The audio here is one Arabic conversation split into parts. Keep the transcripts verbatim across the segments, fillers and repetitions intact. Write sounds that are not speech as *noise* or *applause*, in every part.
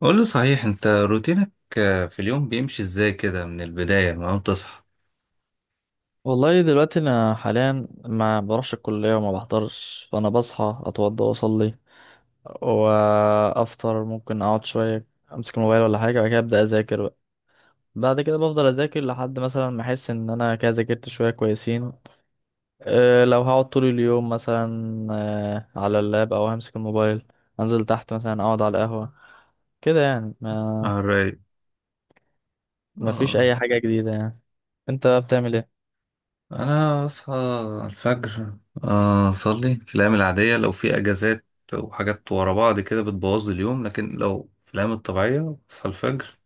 قول لي صحيح انت روتينك؟ آه، في اليوم بيمشي ازاي كده، من البداية من اول تصحى؟ والله دلوقتي انا حاليا ما بروحش الكليه وما بحضرش، فانا بصحى اتوضى واصلي وافطر. ممكن اقعد شويه امسك الموبايل ولا حاجه، بعد كده ابدا اذاكر بقى. بعد كده بفضل اذاكر لحد مثلا ما احس ان انا كده ذاكرت شويه كويسين. أه لو هقعد طول اليوم مثلا أه على اللاب او همسك الموبايل، انزل تحت مثلا اقعد على القهوه كده يعني ما Alright. ما فيش اه، اي حاجه جديده يعني. انت بتعمل ايه؟ انا اصحى الفجر، آه، اصلي في الايام العادية. لو في اجازات وحاجات ورا بعض كده بتبوظ لي اليوم، لكن لو في الايام الطبيعية اصحى الفجر،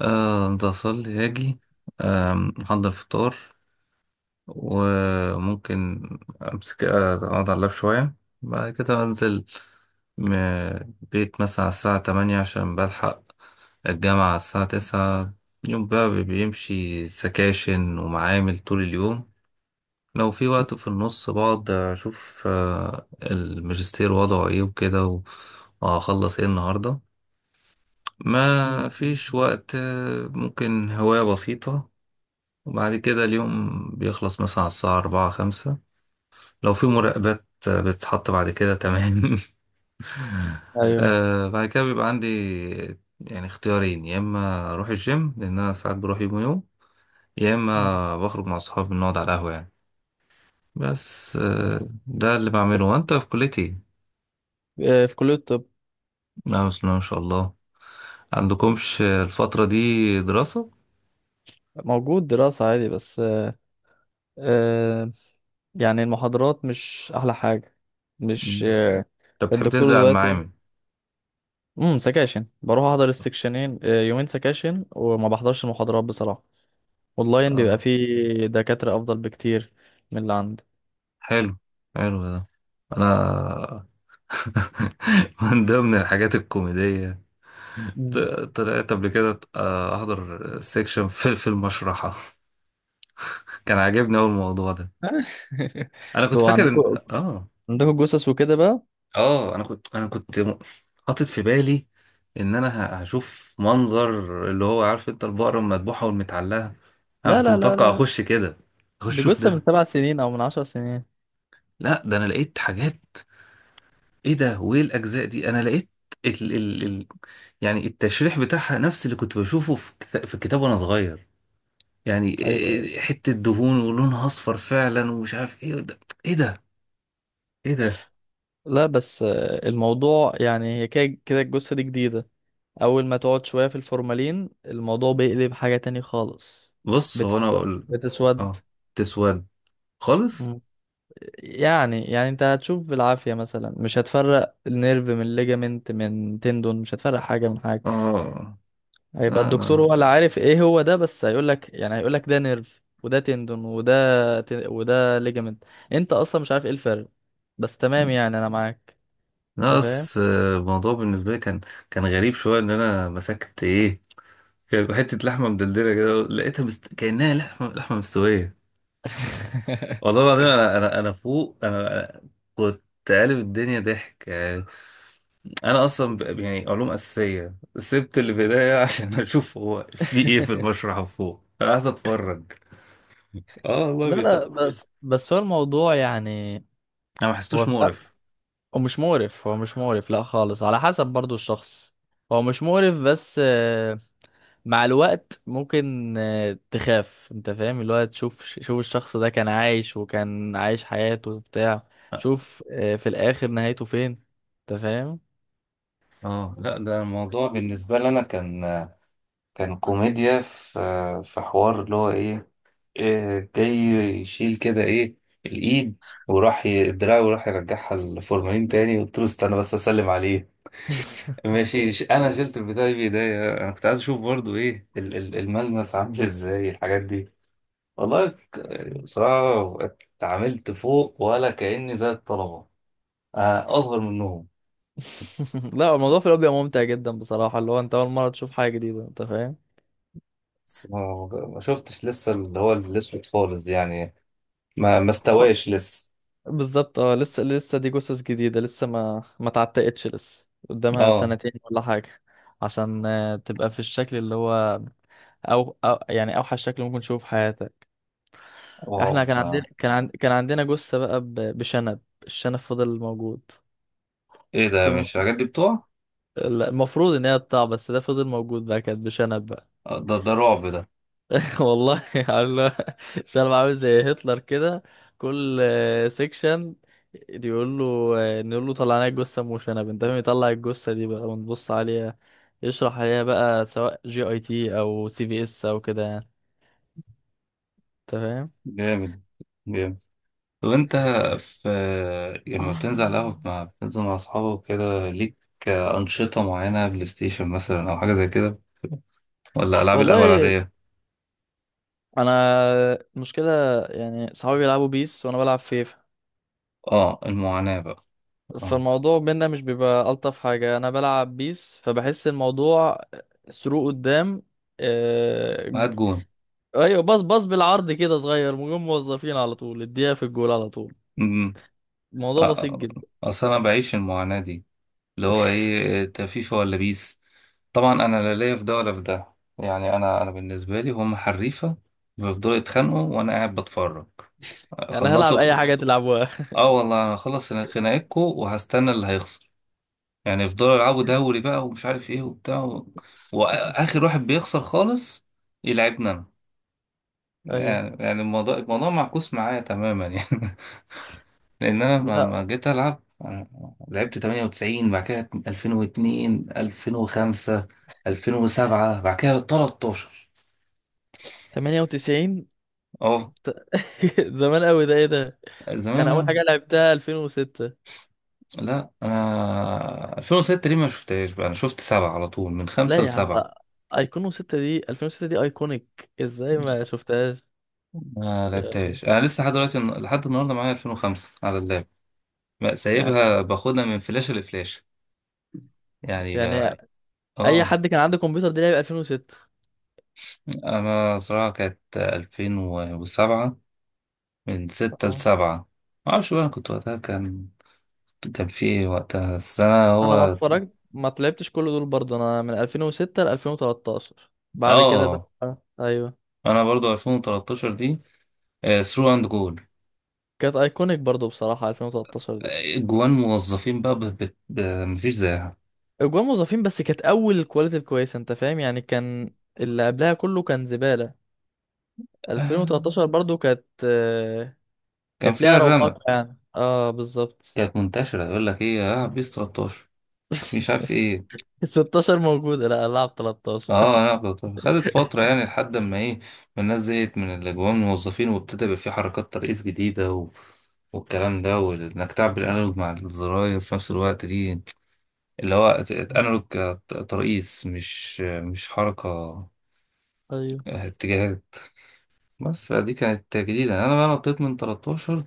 آه، انت اصلي اجي، آم، احضر فطار، وممكن امسك، آه، اقعد على اللاب شوية، بعد كده انزل م- بيت مثلا على الساعة تمانية عشان بلحق الجامعة الساعة تسعة. يوم بقى بيمشي سكاشن ومعامل طول اليوم. لو في وقت في *laughs* النص بقعد أشوف آه، الماجستير وضعه إيه وكده، و- وهخلص إيه النهاردة. ما مم. فيش وقت، آه، ممكن هواية بسيطة. وبعد كده اليوم بيخلص مثلا على الساعة أربعة خمسة. لو في مراقبات آه، بتتحط بعد كده، تمام. *laughs* ايوه. آه، بعد كده بيبقى عندي يعني اختيارين: يا إما أروح الجيم لأن أنا ساعات بروح يوم ويوم، يا مم. اما بخرج مع اصحابي بنقعد على القهوه يعني. بس آه، ده اللي بعمله. بس وانت في كليتي؟ أه في كليه الطب نعم، بسم الله ما شاء الله. عندكمش الفتره دي دراسه؟ موجود دراسة عادي، بس آه، آه، يعني المحاضرات مش أحلى حاجة، مش مم. آه، انت بتحب الدكتور تنزل على دلوقتي. المعامل؟ امم سكاشن، بروح أحضر السكشنين، آه، يومين سكاشن وما بحضرش المحاضرات بصراحة. أونلاين بيبقى اه. فيه دكاترة أفضل بكتير من اللي عندي. حلو، حلو ده. انا *laughs* من ضمن الحاجات الكوميديه، ط- مم. طلعت قبل كده آه، احضر سيكشن في في المشرحه *laughs* كان عاجبني اول الموضوع ده. *laughs* انا كنت انتوا فاكر ان عندكوا اه عندكوا جثث وكده بقى؟ اه انا كنت انا كنت م- حاطط في بالي ان انا ه- هشوف منظر اللي هو، عارف انت، البقرة المذبوحة والمتعلقة. انا لا كنت لا لا متوقع لا، اخش كده، اخش دي اشوف جثة من ده. سبع سنين أو من عشر سنين. لا، ده انا لقيت حاجات. ايه ده وايه الاجزاء دي؟ انا لقيت ال ال ال يعني التشريح بتاعها نفس اللي كنت بشوفه في كتاب، في الكتاب وانا صغير، يعني ايوه ايوه. إيه- حتة دهون ولونها اصفر فعلا ومش عارف ايه ده. ايه ده؟ ايه ده؟ لا بس آه، الموضوع يعني هي كده كده الجثة دي جديدة. اول ما تقعد شوية في الفورمالين الموضوع بيقلب حاجة تاني خالص. بص، هو انا بتسود اقول. بتسود. اه، تسود خالص. مم. يعني يعني انت هتشوف بالعافية مثلا، مش هتفرق النيرف من ليجامنت من تندون، مش هتفرق حاجة من حاجة. اه. هيبقى لا، الدكتور لا. هو اللي عارف ايه هو ده، بس هيقولك، يعني هيقولك ده نيرف وده تندون وده ت... وده ليجامنت. انت اصلا مش عارف ايه الفرق. بس تمام يعني انا معاك. انت فاهم. ناقص آه، الموضوع بالنسبة لي كان كان غريب شوية إن أنا مسكت إيه. كان حتة لحمة مدلدلة كده لقيتها مست... كأنها لحمة، لحمة مستوية. *laughs* والله العظيم أنا أنا أنا فوق، أنا أنا كنت قالب الدنيا ضحك يعني. أنا أصلا ب... يعني علوم أساسية سبت اللي في إيديا *laughs* عشان أشوف هو في إيه في *laughs* المشرح فوق، أنا عايز أتفرج. آه والله لا لا، بيطق. بس بس هو الموضوع يعني، أنا ما حسيتوش هو مقرف. هو مش مقرف، هو مش مقرف، لا خالص، على حسب برضو الشخص. هو مش مقرف بس آه، مع الوقت ممكن آه، تخاف. انت فاهم اللي هو تشوف، شوف الشخص ده كان عايش وكان عايش حياته وبتاع، اه. شوف آه، في الاخر نهايته فين. انت فاهم. آه، لا، ده الموضوع بالنسبة لي انا كان، كان كوميديا في في حوار اللي هو ايه، إيه، جاي يشيل كده ايه، الايد، وراح ي- الدراع وراح يرجعها الفورمالين تاني. قلت له استنى بس اسلم عليه. ماشي، ش- انا شلت البتاع بايديا. انا كنت عايز اشوف برضو ايه ال- ال- الملمس عامل ازاي الحاجات دي. والله ك- بصراحة اتعاملت فوق ولا كأني زي الطلبة آه، اصغر منهم. *laughs* لا الموضوع في الاول بيبقى ممتع جدا بصراحة، اللي هو انت اول مرة تشوف حاجة جديدة. انت فاهم. بس ما ما شفتش لسه اللي هو الاسود خالص دي يعني، ما ما استواش لسه. بالظبط اه، لسه لسه دي جثث جديدة لسه، ما ما اتعتقتش لسه، قدامها اه. سنتين ولا حاجة. عشان آه، تبقى في الشكل اللي هو، أو, أو يعني أوحش شكل ممكن تشوفه في حياتك. واو. احنا كان لا، عندنا، كان عن... كان عندنا جثة بقى ب... بشنب. الشنب فضل موجود ايه ده، طول ما مش الحاجات دي بتوع؟ لا، المفروض ان هي تطلع، بس ده فضل موجود بقى، كانت بشنب بقى. آه، ده، ده رعب ده. والله *laughs* عامله، شال عامل زي هتلر كده. كل سيكشن يقول له، نقول له طلع لنا الجثه مشنب. انت فاهم؟ يطلع الجثه دي بقى ونبص عليها، يشرح عليها بقى سواء جي اي تي او سي في اس او كده يعني. انت فاهم. جامد، جامد. طب انت، في لما بتنزل على القهوة مع، بتنزل مع اصحابك كده، ليك أنشطة معينة؟ بلاي ستيشن مثلا أو حاجة زي كده، ولا ألعاب القهوة والله العادية؟ انا المشكله يعني، صحابي بيلعبوا بيس وانا بلعب فيفا. اه، المعاناة بقى. اه، فالموضوع بينا مش بيبقى الطف حاجه. انا بلعب بيس، فبحس الموضوع سروق قدام. آه، هات جون. ايوه، باص باص بالعرض كده صغير، مجموعة موظفين على طول، اديها في الجول على طول. امم. الموضوع بسيط اه، جدا. أصل أنا بعيش المعاناة دي اللي هو *laughs* إيه: انت فيفا ولا بيس؟ طبعا أنا لا ليا في ده ولا في ده يعني، أنا أنا بالنسبة لي هم حريفة، بيفضلوا يتخانقوا وأنا قاعد بتفرج. انا هلعب خلصوا! اي حاجه تلعبوها. اه، والله انا هخلص خناقتكم وهستنى اللي هيخسر. يعني يفضلوا يلعبوا دوري بقى ومش عارف ايه وبتاع و... *laughs* واخر واحد بيخسر خالص يلعبنا انا. ايوه. يعني يعني الموضوع، الموضوع معكوس معايا تماما يعني *laughs* لان انا لما لا لما جيت العب أنا لعبت ثمانية وتسعين، بعد كده ألفين واتنين، ألفين وخمسة، ألفين وسبعة، بعد كده تلتاشر. تمانية وتسعين. اه، *laughs* زمان قوي ده، ايه ده؟ زمان. انا اول أنا- حاجه لعبتها الفين وستة. لا، انا ألفين وستة دي ما شفتهاش بقى. انا شفت سبعة على طول، من خمسة لا يا عم لسبعة، لا. ايقونو ستة دي، الفين وستة دي ايكونيك ازاي ما شفتهاش؟ ما يعني لعبتهاش. انا لسه لحد دلوقتي، لحد النهارده، معايا ألفين وخمسة على اللاب، بقى يعني سايبها باخدها من فلاشه لفلاشه يعني يعني بقى. اي اه، حد كان عنده كمبيوتر دي لعب ألفين وستة. انا بصراحه كانت ألفين وسبعة، من ستة ل سبعة. ما اعرفش بقى، انا كنت وقتها، كان، كان في ايه وقتها السنه انا ما هو. اتفرجت، ما طلعتش كل دول برضه، انا من الفين وستة ل الفين وثلاثة عشر. بعد كده بقى. اه، ايوه. انا برضو ألفين وتلتاشر دي، ثرو اند جول، كانت ايكونيك برضه بصراحه الفين وتلتاشر دي. جوان موظفين بقى ب... ب... ب... مفيش زيها. اجوان موظفين، بس كانت اول كواليتي الكويسه، انت فاهم يعني؟ كان اللي قبلها كله كان زباله. آه، الفين وتلتاشر برضه كانت آه، كان كانت ليها فيها الرمق. رونقها يعني. اه بالظبط. كانت منتشره، يقول لك ايه، العب بيس تلتاشر، مش عارف *laughs* ايه. ستاشر موجوده، لا العب ثلاثة عشر. اه، انا كنت- خدت فترة يعني لحد ما ايه، ما الناس زهقت من الاجواء، من الموظفين، وابتدى يبقى في حركات ترقيص جديدة و... والكلام ده، وانك تعبر الانالوج مع الزراير في نفس الوقت دي، اللي هو ت- انالوج، *laughs* ت- ترقيص، مش مش حركة، ايوه آه، اتجاهات. بس فدي كانت جديدة، انا بقى نطيت من تلتاشر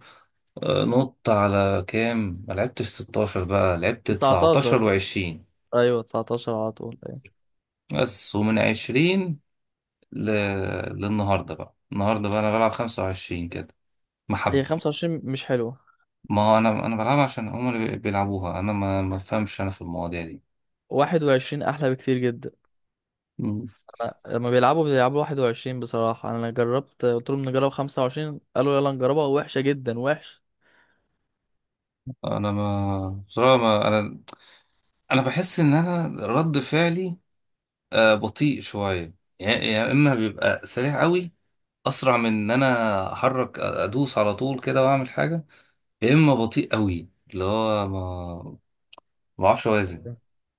آه، نط على كام. ما لعبتش ستاشر، بقى لعبت تسعة عشر. تسعتاشر و20. ايوه تسعتاشر على طول. ايوه بس ومن عشرين ل... للنهارده بقى، النهارده بقى انا بلعب خمسة وعشرين كده هي محبة. خمسة وعشرين مش حلوه. ما هو انا انا بلعبها عشان هم اللي بي- بيلعبوها، انا ما ما بفهمش انا في المواضيع دي. واحد وعشرين احلى بكتير جدا. مم. لما بيلعبوا بيلعبوا واحد وعشرين بصراحة. أنا جربت قلت لهم نجرب خمسة وعشرين، قالوا يلا نجربها، وحشة جدا، وحش. انا ما بصراحة، ما انا انا بحس ان انا رد فعلي آه، بطيء شوية، يعني يا اما بيبقى سريع قوي، اسرع من ان انا احرك ادوس على طول كده واعمل حاجة، يا اما بطيء قوي، اللي هو ما ما بعرفش اوازن.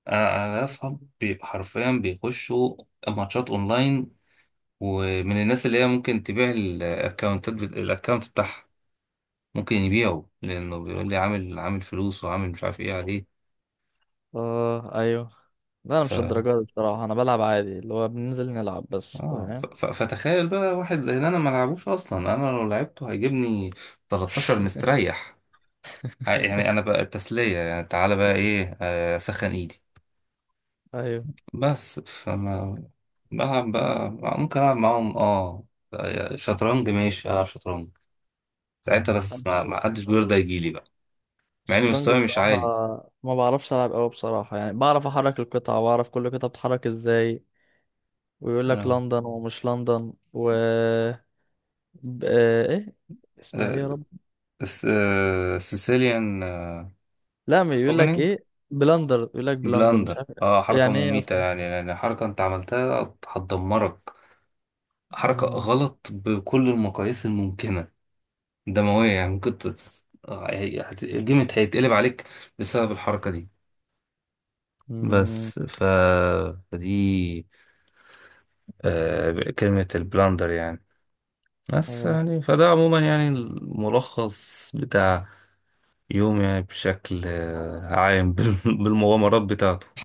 انا انا ليا اصحاب بي- حرفيا بيخشوا ماتشات اونلاين، ومن الناس اللي هي ممكن تبيع الاكونتات بت... الاكونت بتاعها، ممكن يبيعه، لانه بيقول لي عامل، عامل فلوس وعامل مش عارف ايه عليه. آه أيوه. لا أنا ف مش الدرجات دي بصراحة، أنا بلعب عادي اللي هو بننزل نلعب بس اه، ف... تمام. ف... فتخيل بقى واحد زي ده انا ما لعبوش اصلا، انا لو لعبته هيجيبني تلتاشر مستريح. *laughs* ع- يعني انا بقى التسلية يعني تعالى بقى ايه، آه، اسخن ايدي أيوه. بس. فما بلعب بقى، ممكن العب معاهم، اه، شطرنج. ماشي، العب شطرنج ساعتها. بس ما ما حدش بيرضى يجيلي بقى، مع ان الشطرنج مستواي مش بصراحة عالي. ما بعرفش ألعب أوي بصراحة، يعني بعرف أحرك القطعة وأعرف كل قطعة بتتحرك إزاي. ويقول لك آه. لندن ومش لندن و ب... آه، إيه اسمها إيه يا رب؟ سيسيليان لا، ما يقول لك اوبننج. ايه، بلندر، يقول لك بلندر مش بلاندر، عارف. اه، حركة يعني ايه مميتة اصلا؟ يعني، يعني حركة انت عملتها هتدمرك، حركة مم. غلط بكل المقاييس الممكنة، دموية يعني، ممكن تت... آه، هي- هت- الجيم هيتقلب عليك بسبب الحركة دي. مم. بس ف... فدي آه كلمة البلاندر يعني. بس اه يعني فده عموما يعني الملخص بتاع يوم، يعني بشكل آه، عام، *laughs* بال- بالمغامرات بتاعته.